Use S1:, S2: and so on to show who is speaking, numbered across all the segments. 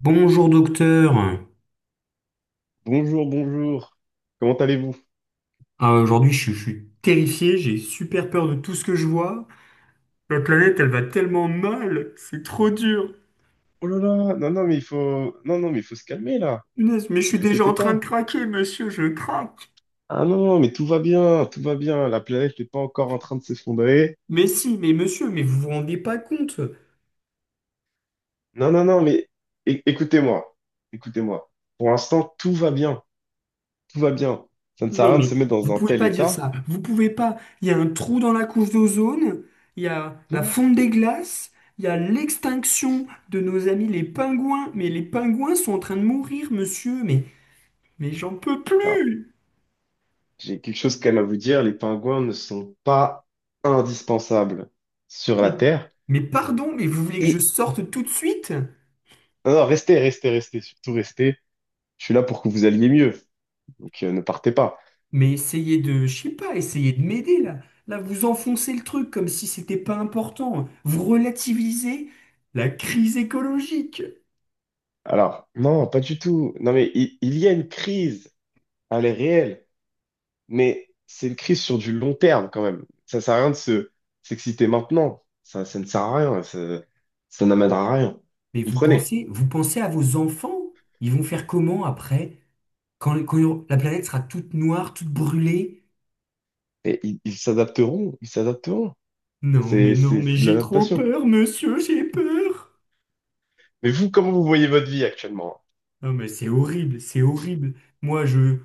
S1: Bonjour docteur.
S2: Bonjour, bonjour. Comment allez-vous?
S1: Aujourd'hui, je suis terrifié, j'ai super peur de tout ce que je vois. La planète, elle va tellement mal, c'est trop dur.
S2: Oh là là, non, non, mais il faut, non, non, mais il faut se calmer là.
S1: Punaise, mais je
S2: Ne
S1: suis
S2: vous
S1: déjà
S2: inquiétez
S1: en train de
S2: pas.
S1: craquer, monsieur, je craque.
S2: Ah non, non, mais tout va bien, tout va bien. La planète n'est pas encore en train de s'effondrer.
S1: Mais si, mais monsieur, mais vous vous rendez pas compte.
S2: Non, non, non, mais écoutez-moi, écoutez-moi. Pour l'instant, tout va bien, tout va bien. Ça ne sert à
S1: Non,
S2: rien de
S1: mais
S2: se mettre dans
S1: vous
S2: un
S1: pouvez
S2: tel
S1: pas dire
S2: état.
S1: ça. Vous pouvez pas. Il y a un trou dans la couche d'ozone, il y a la
S2: Non.
S1: fonte des glaces, il y a l'extinction de nos amis les pingouins. Mais les pingouins sont en train de mourir, monsieur, mais j'en peux
S2: Ah,
S1: plus.
S2: j'ai quelque chose quand même à vous dire. Les pingouins ne sont pas indispensables sur la
S1: Mais,
S2: Terre.
S1: mais pardon, mais vous voulez que je
S2: Et
S1: sorte tout de suite?
S2: non, non, restez, restez, restez, surtout restez. Je suis là pour que vous alliez mieux. Donc ne partez pas.
S1: Mais essayez de, je sais pas, essayez de m'aider là. Là, vous enfoncez le truc comme si c'était pas important. Vous relativisez la crise écologique.
S2: Alors, non, pas du tout. Non, mais il y a une crise, elle est réelle, mais c'est une crise sur du long terme quand même. Ça sert à rien de se s'exciter maintenant. Ça ne sert à rien. Ça n'amènera à rien.
S1: Mais
S2: Vous comprenez?
S1: vous pensez à vos enfants? Ils vont faire comment après? Quand la planète sera toute noire, toute brûlée?
S2: Et ils s'adapteront, ils s'adapteront.
S1: Non,
S2: C'est,
S1: mais non,
S2: c'est,
S1: mais
S2: c'est de
S1: j'ai trop
S2: l'adaptation.
S1: peur, monsieur, j'ai peur.
S2: Mais vous, comment vous voyez votre vie actuellement?
S1: Non, mais c'est horrible, c'est horrible. Moi, je,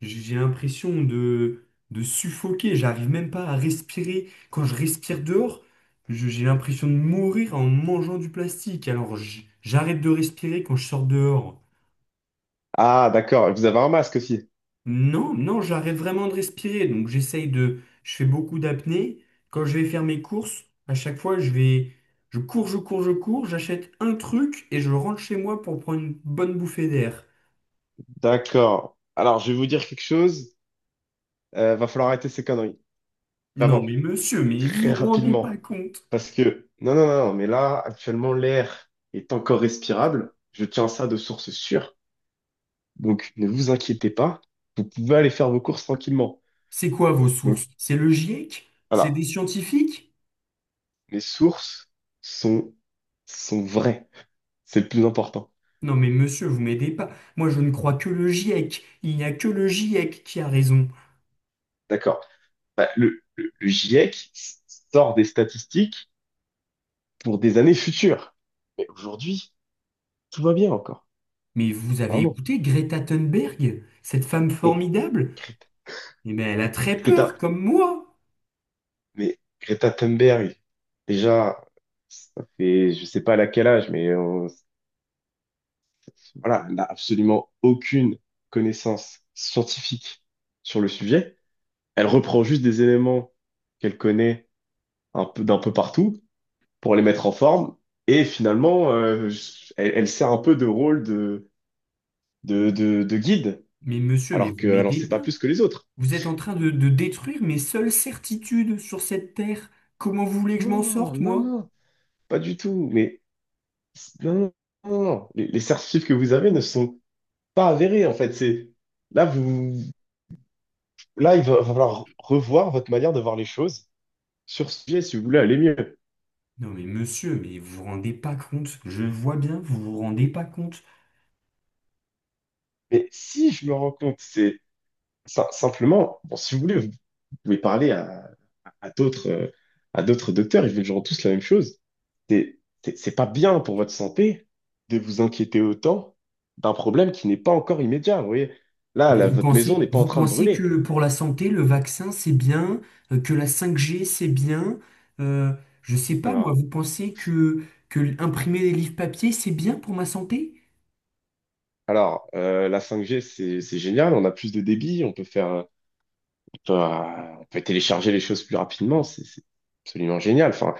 S1: j'ai l'impression de suffoquer. J'arrive même pas à respirer. Quand je respire dehors, j'ai l'impression de mourir en mangeant du plastique. Alors, j'arrête de respirer quand je sors dehors.
S2: Ah, d'accord. Vous avez un masque aussi.
S1: Non, non, j'arrête vraiment de respirer. Donc, je fais beaucoup d'apnée. Quand je vais faire mes courses, à chaque fois, je vais, je cours, j'achète un truc et je rentre chez moi pour prendre une bonne bouffée d'air.
S2: D'accord. Alors, je vais vous dire quelque chose. Va falloir arrêter ces conneries.
S1: Non,
S2: Vraiment.
S1: mais monsieur, mais vous
S2: Très
S1: vous rendez pas
S2: rapidement.
S1: compte.
S2: Parce que, non, non, non, mais là, actuellement, l'air est encore respirable. Je tiens ça de source sûre. Donc, ne vous inquiétez pas. Vous pouvez aller faire vos courses tranquillement.
S1: C'est quoi vos
S2: Donc,
S1: sources? C'est le GIEC? C'est des
S2: voilà.
S1: scientifiques?
S2: Mes sources sont, sont vraies. C'est le plus important.
S1: Non, mais monsieur, vous m'aidez pas. Moi, je ne crois que le GIEC. Il n'y a que le GIEC qui a raison.
S2: D'accord. Bah, le GIEC sort des statistiques pour des années futures. Mais aujourd'hui, tout va bien encore.
S1: Mais vous avez
S2: Vraiment.
S1: écouté Greta Thunberg, cette femme
S2: Mais,
S1: formidable? Eh bien, elle a très peur,
S2: Greta,
S1: comme moi.
S2: Mais Greta Thunberg, déjà, ça fait, je sais pas à quel âge, mais voilà, elle n'a absolument aucune connaissance scientifique sur le sujet. Elle reprend juste des éléments qu'elle connaît un peu d'un peu partout pour les mettre en forme. Et finalement, elle sert un peu de rôle de guide,
S1: Mais monsieur, mais
S2: alors
S1: vous
S2: qu'elle n'en
S1: m'aidez
S2: sait pas
S1: pas.
S2: plus que les autres.
S1: Vous êtes en train de détruire mes seules certitudes sur cette terre. Comment vous voulez que je m'en
S2: Non,
S1: sorte,
S2: non,
S1: moi?
S2: non, pas du tout. Mais non, non, non, non. Les certifs que vous avez ne sont pas avéré, en fait. C'est là, vous, là, il va falloir revoir votre manière de voir les choses sur ce sujet si vous voulez aller mieux.
S1: Non, mais monsieur, mais vous vous rendez pas compte. Je vois bien, vous vous rendez pas compte.
S2: Mais si je me rends compte, c'est simplement, bon, si vous voulez, vous pouvez parler à d'autres, euh, à d'autres docteurs, ils vous diront tous la même chose. C'est pas bien pour votre santé de vous inquiéter autant d'un problème qui n'est pas encore immédiat. Vous voyez, là,
S1: Mais
S2: votre maison n'est pas en
S1: vous
S2: train de
S1: pensez
S2: brûler.
S1: que pour la santé, le vaccin, c'est bien, que la 5G, c'est bien. Euh, je sais pas, moi,
S2: Alors,
S1: que imprimer des livres papier, c'est bien pour ma santé?
S2: la 5G c'est génial, on a plus de débit, on peut faire. On peut télécharger les choses plus rapidement. C'est absolument génial. Enfin,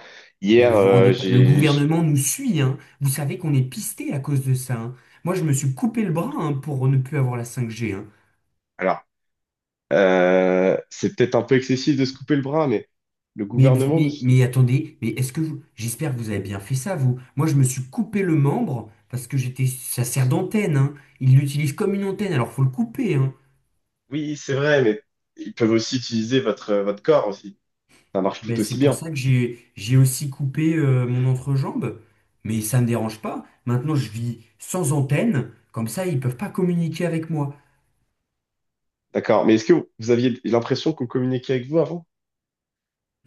S1: Mais
S2: hier,
S1: vous vous rendez pas. Le
S2: j'ai,
S1: gouvernement nous suit, hein. Vous savez qu'on est pisté à cause de ça, hein. Moi, je me suis coupé le bras, hein, pour ne plus avoir la 5G, hein.
S2: alors, c'est peut-être un peu excessif de se couper le bras, mais le
S1: Mais, vous-
S2: gouvernement nous,
S1: mais, mais attendez, mais est-ce que vous. J'espère que vous avez bien fait ça, vous. Moi, je me suis coupé le membre parce que j'étais. Ça sert d'antenne, hein. Il l'utilise comme une antenne, alors faut le couper, hein.
S2: oui, c'est vrai, mais ils peuvent aussi utiliser votre corps aussi. Ça marche tout
S1: Ben, c'est
S2: aussi
S1: pour
S2: bien.
S1: ça que j'ai aussi coupé mon entrejambe, mais ça ne me dérange pas. Maintenant, je vis sans antenne, comme ça, ils ne peuvent pas communiquer avec moi.
S2: D'accord. Mais est-ce que vous aviez l'impression qu'on communiquait avec vous avant?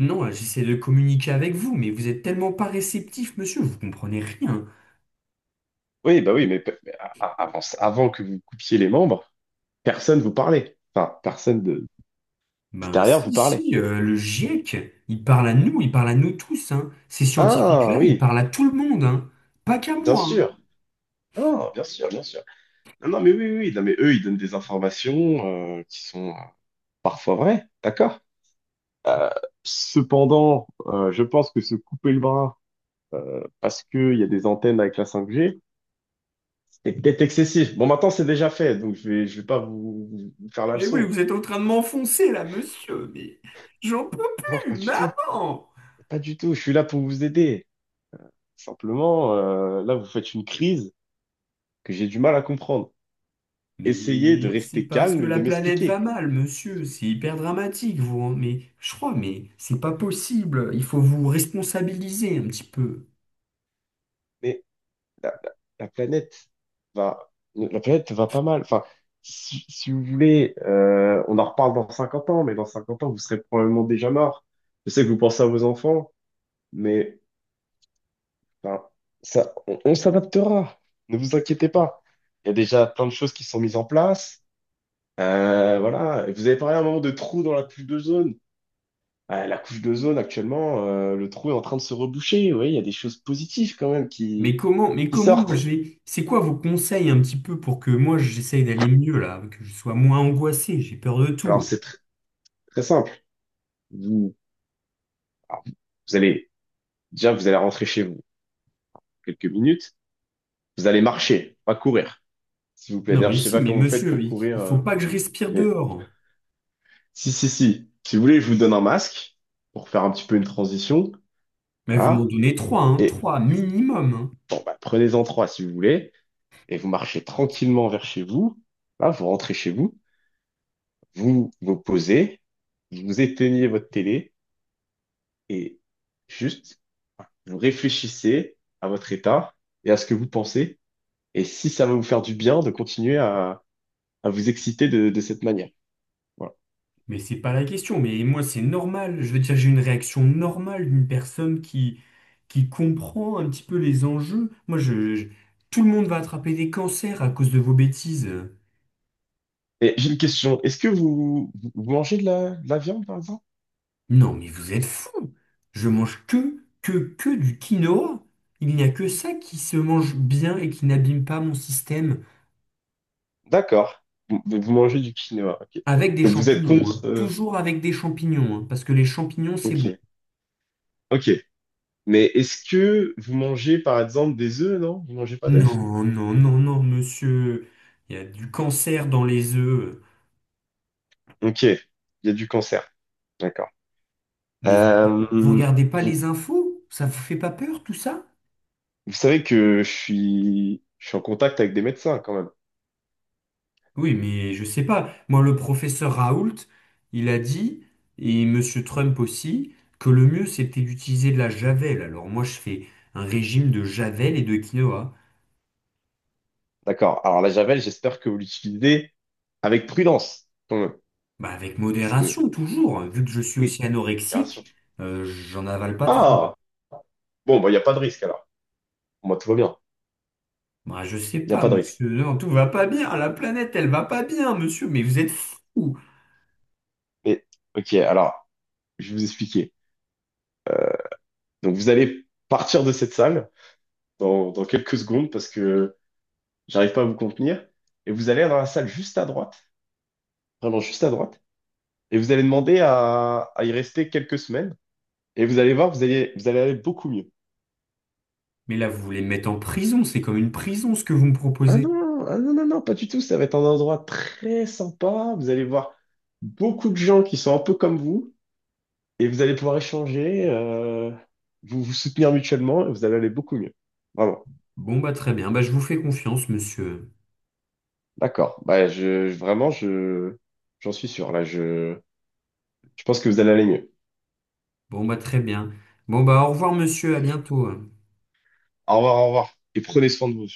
S1: Non, là, j'essaie de communiquer avec vous, mais vous êtes tellement pas réceptif, monsieur, vous comprenez rien.
S2: Oui, bah oui, mais, mais avant que vous coupiez les membres, personne vous parlait. Enfin, personne de
S1: Ben
S2: extérieur vous
S1: si,
S2: parlait.
S1: si, le GIEC, il parle à nous, il parle à nous tous, hein. Ces
S2: Ah
S1: scientifiques-là, ils
S2: oui,
S1: parlent à tout le monde, hein. Pas qu'à
S2: bien
S1: moi, hein.
S2: sûr. Ah, bien sûr, bien sûr. Non, non, mais oui, oui, oui, non, mais eux, ils donnent des informations qui sont parfois vraies, d'accord? Cependant, je pense que se couper le bras parce qu'il y a des antennes avec la 5G, c'est peut-être excessif. Bon, maintenant, c'est déjà fait, donc je vais pas vous faire la
S1: Mais oui,
S2: leçon.
S1: vous êtes en train de m'enfoncer là, monsieur, mais j'en peux
S2: Non,
S1: plus,
S2: pas du tout,
S1: maman!
S2: pas du tout. Je suis là pour vous aider. Simplement, là, vous faites une crise que j'ai du mal à comprendre. Essayez de
S1: Mais c'est
S2: rester
S1: parce
S2: calme
S1: que
S2: et
S1: la
S2: de
S1: planète va
S2: m'expliquer.
S1: mal, monsieur. C'est hyper dramatique, vous. Hein. Mais je crois, mais c'est pas possible. Il faut vous responsabiliser un petit peu.
S2: Mais la, la- la planète la planète va pas mal. Enfin, si vous voulez, on en reparle dans 50 ans, mais dans 50 ans, vous serez probablement déjà mort. Je sais que vous pensez à vos enfants, mais enfin, ça, on s'adaptera. Ne vous inquiétez pas. Il y a déjà plein de choses qui sont mises en place. Voilà. Et vous avez parlé à un moment de trous dans la couche d'ozone. La couche d'ozone, actuellement, le trou est en train de se reboucher. Vous voyez, il y a des choses positives quand même
S1: Mais comment, mais
S2: qui
S1: comment moi
S2: sortent.
S1: je vais. C'est quoi vos conseils un petit peu pour que moi j'essaye d'aller mieux là, que je sois moins angoissé. J'ai peur de
S2: Alors,
S1: tout.
S2: c'est très simple. Vous, Alors, vous allez, vous allez rentrer chez vous quelques minutes. Vous allez marcher, pas courir, s'il vous plaît.
S1: Non
S2: D'ailleurs,
S1: mais
S2: je sais
S1: si,
S2: pas
S1: mais
S2: comment vous faites
S1: monsieur,
S2: pour courir,
S1: il faut pas que je respire
S2: mais
S1: dehors.
S2: si, si, si. Si vous voulez, je vous donne un masque pour faire un petit peu une transition.
S1: Mais vous m'en
S2: Voilà.
S1: donnez trois, hein,
S2: Et
S1: trois minimum. Hein.
S2: bon, bah, prenez-en trois si vous voulez. Et vous marchez tranquillement vers chez vous. Là, vous rentrez chez vous. Vous vous posez. Vous éteignez votre télé et juste, vous réfléchissez à votre état et à ce que vous pensez. Et si ça va vous faire du bien de continuer à vous exciter de cette manière. Voilà.
S1: Mais c'est pas la question. Mais moi, c'est normal. Je veux dire, j'ai une réaction normale d'une personne qui comprend un petit peu les enjeux. Moi, tout le monde va attraper des cancers à cause de vos bêtises.
S2: Et j'ai une question. Est-ce que vous mangez de la viande, par exemple?
S1: Non, mais vous êtes fous. Je mange que du quinoa. Il n'y a que ça qui se mange bien et qui n'abîme pas mon système.
S2: D'accord. Vous mangez du quinoa, ok.
S1: Avec des
S2: Donc vous êtes
S1: champignons, hein.
S2: contre.
S1: Toujours avec des champignons, hein, parce que les champignons, c'est bon.
S2: Ok, ok. Mais est-ce que vous mangez, par exemple, des œufs, non? Vous mangez pas d'œufs?
S1: Non, non, non, non, monsieur. Il y a du cancer dans les œufs.
S2: Ok. Il y a du cancer. D'accord.
S1: Mais vous, vous
S2: Euh,
S1: regardez pas
S2: vous
S1: les infos? Ça vous fait pas peur tout ça?
S2: Vous savez que je suis en contact avec des médecins quand même.
S1: Oui, mais je sais pas. Moi, le professeur Raoult, il a dit, et Monsieur Trump aussi, que le mieux c'était d'utiliser de la javel. Alors moi, je fais un régime de javel et de quinoa.
S2: D'accord. Alors la Javel, j'espère que vous l'utilisez avec prudence quand même.
S1: Bah, avec
S2: Parce que,
S1: modération, toujours. Vu que je suis
S2: oui,
S1: aussi
S2: bien
S1: anorexique,
S2: sûr.
S1: j'en avale pas trop.
S2: Ah! Bon, bah, il n'y a pas de risque alors. Moi, tout va bien.
S1: Bah, je sais
S2: Il n'y a
S1: pas,
S2: pas de risque.
S1: monsieur. Non, tout va pas bien. La planète, elle va pas bien, monsieur. Mais vous êtes fou.
S2: Mais, ok, alors, je vais vous expliquer. Donc, vous allez partir de cette salle dans quelques secondes parce que j'arrive pas à vous contenir. Et vous allez dans la salle juste à droite, vraiment juste à droite, et vous allez demander à y rester quelques semaines. Et vous allez voir, vous allez aller beaucoup mieux.
S1: Mais là, vous voulez me mettre en prison. C'est comme une prison, ce que vous me
S2: Ah
S1: proposez.
S2: non, ah non, non, non, pas du tout. Ça va être un endroit très sympa. Vous allez voir beaucoup de gens qui sont un peu comme vous, et vous allez pouvoir échanger, vous vous soutenir mutuellement, et vous allez aller beaucoup mieux. Vraiment.
S1: Bon, bah très bien. Bah, je vous fais confiance, monsieur.
S2: D'accord. Bah, vraiment, j'en suis sûr. Là, je pense que vous allez aller mieux.
S1: Bon, bah très bien. Bon, bah au revoir, monsieur. À bientôt. Hein.
S2: Au revoir, au revoir. Et prenez soin de vous.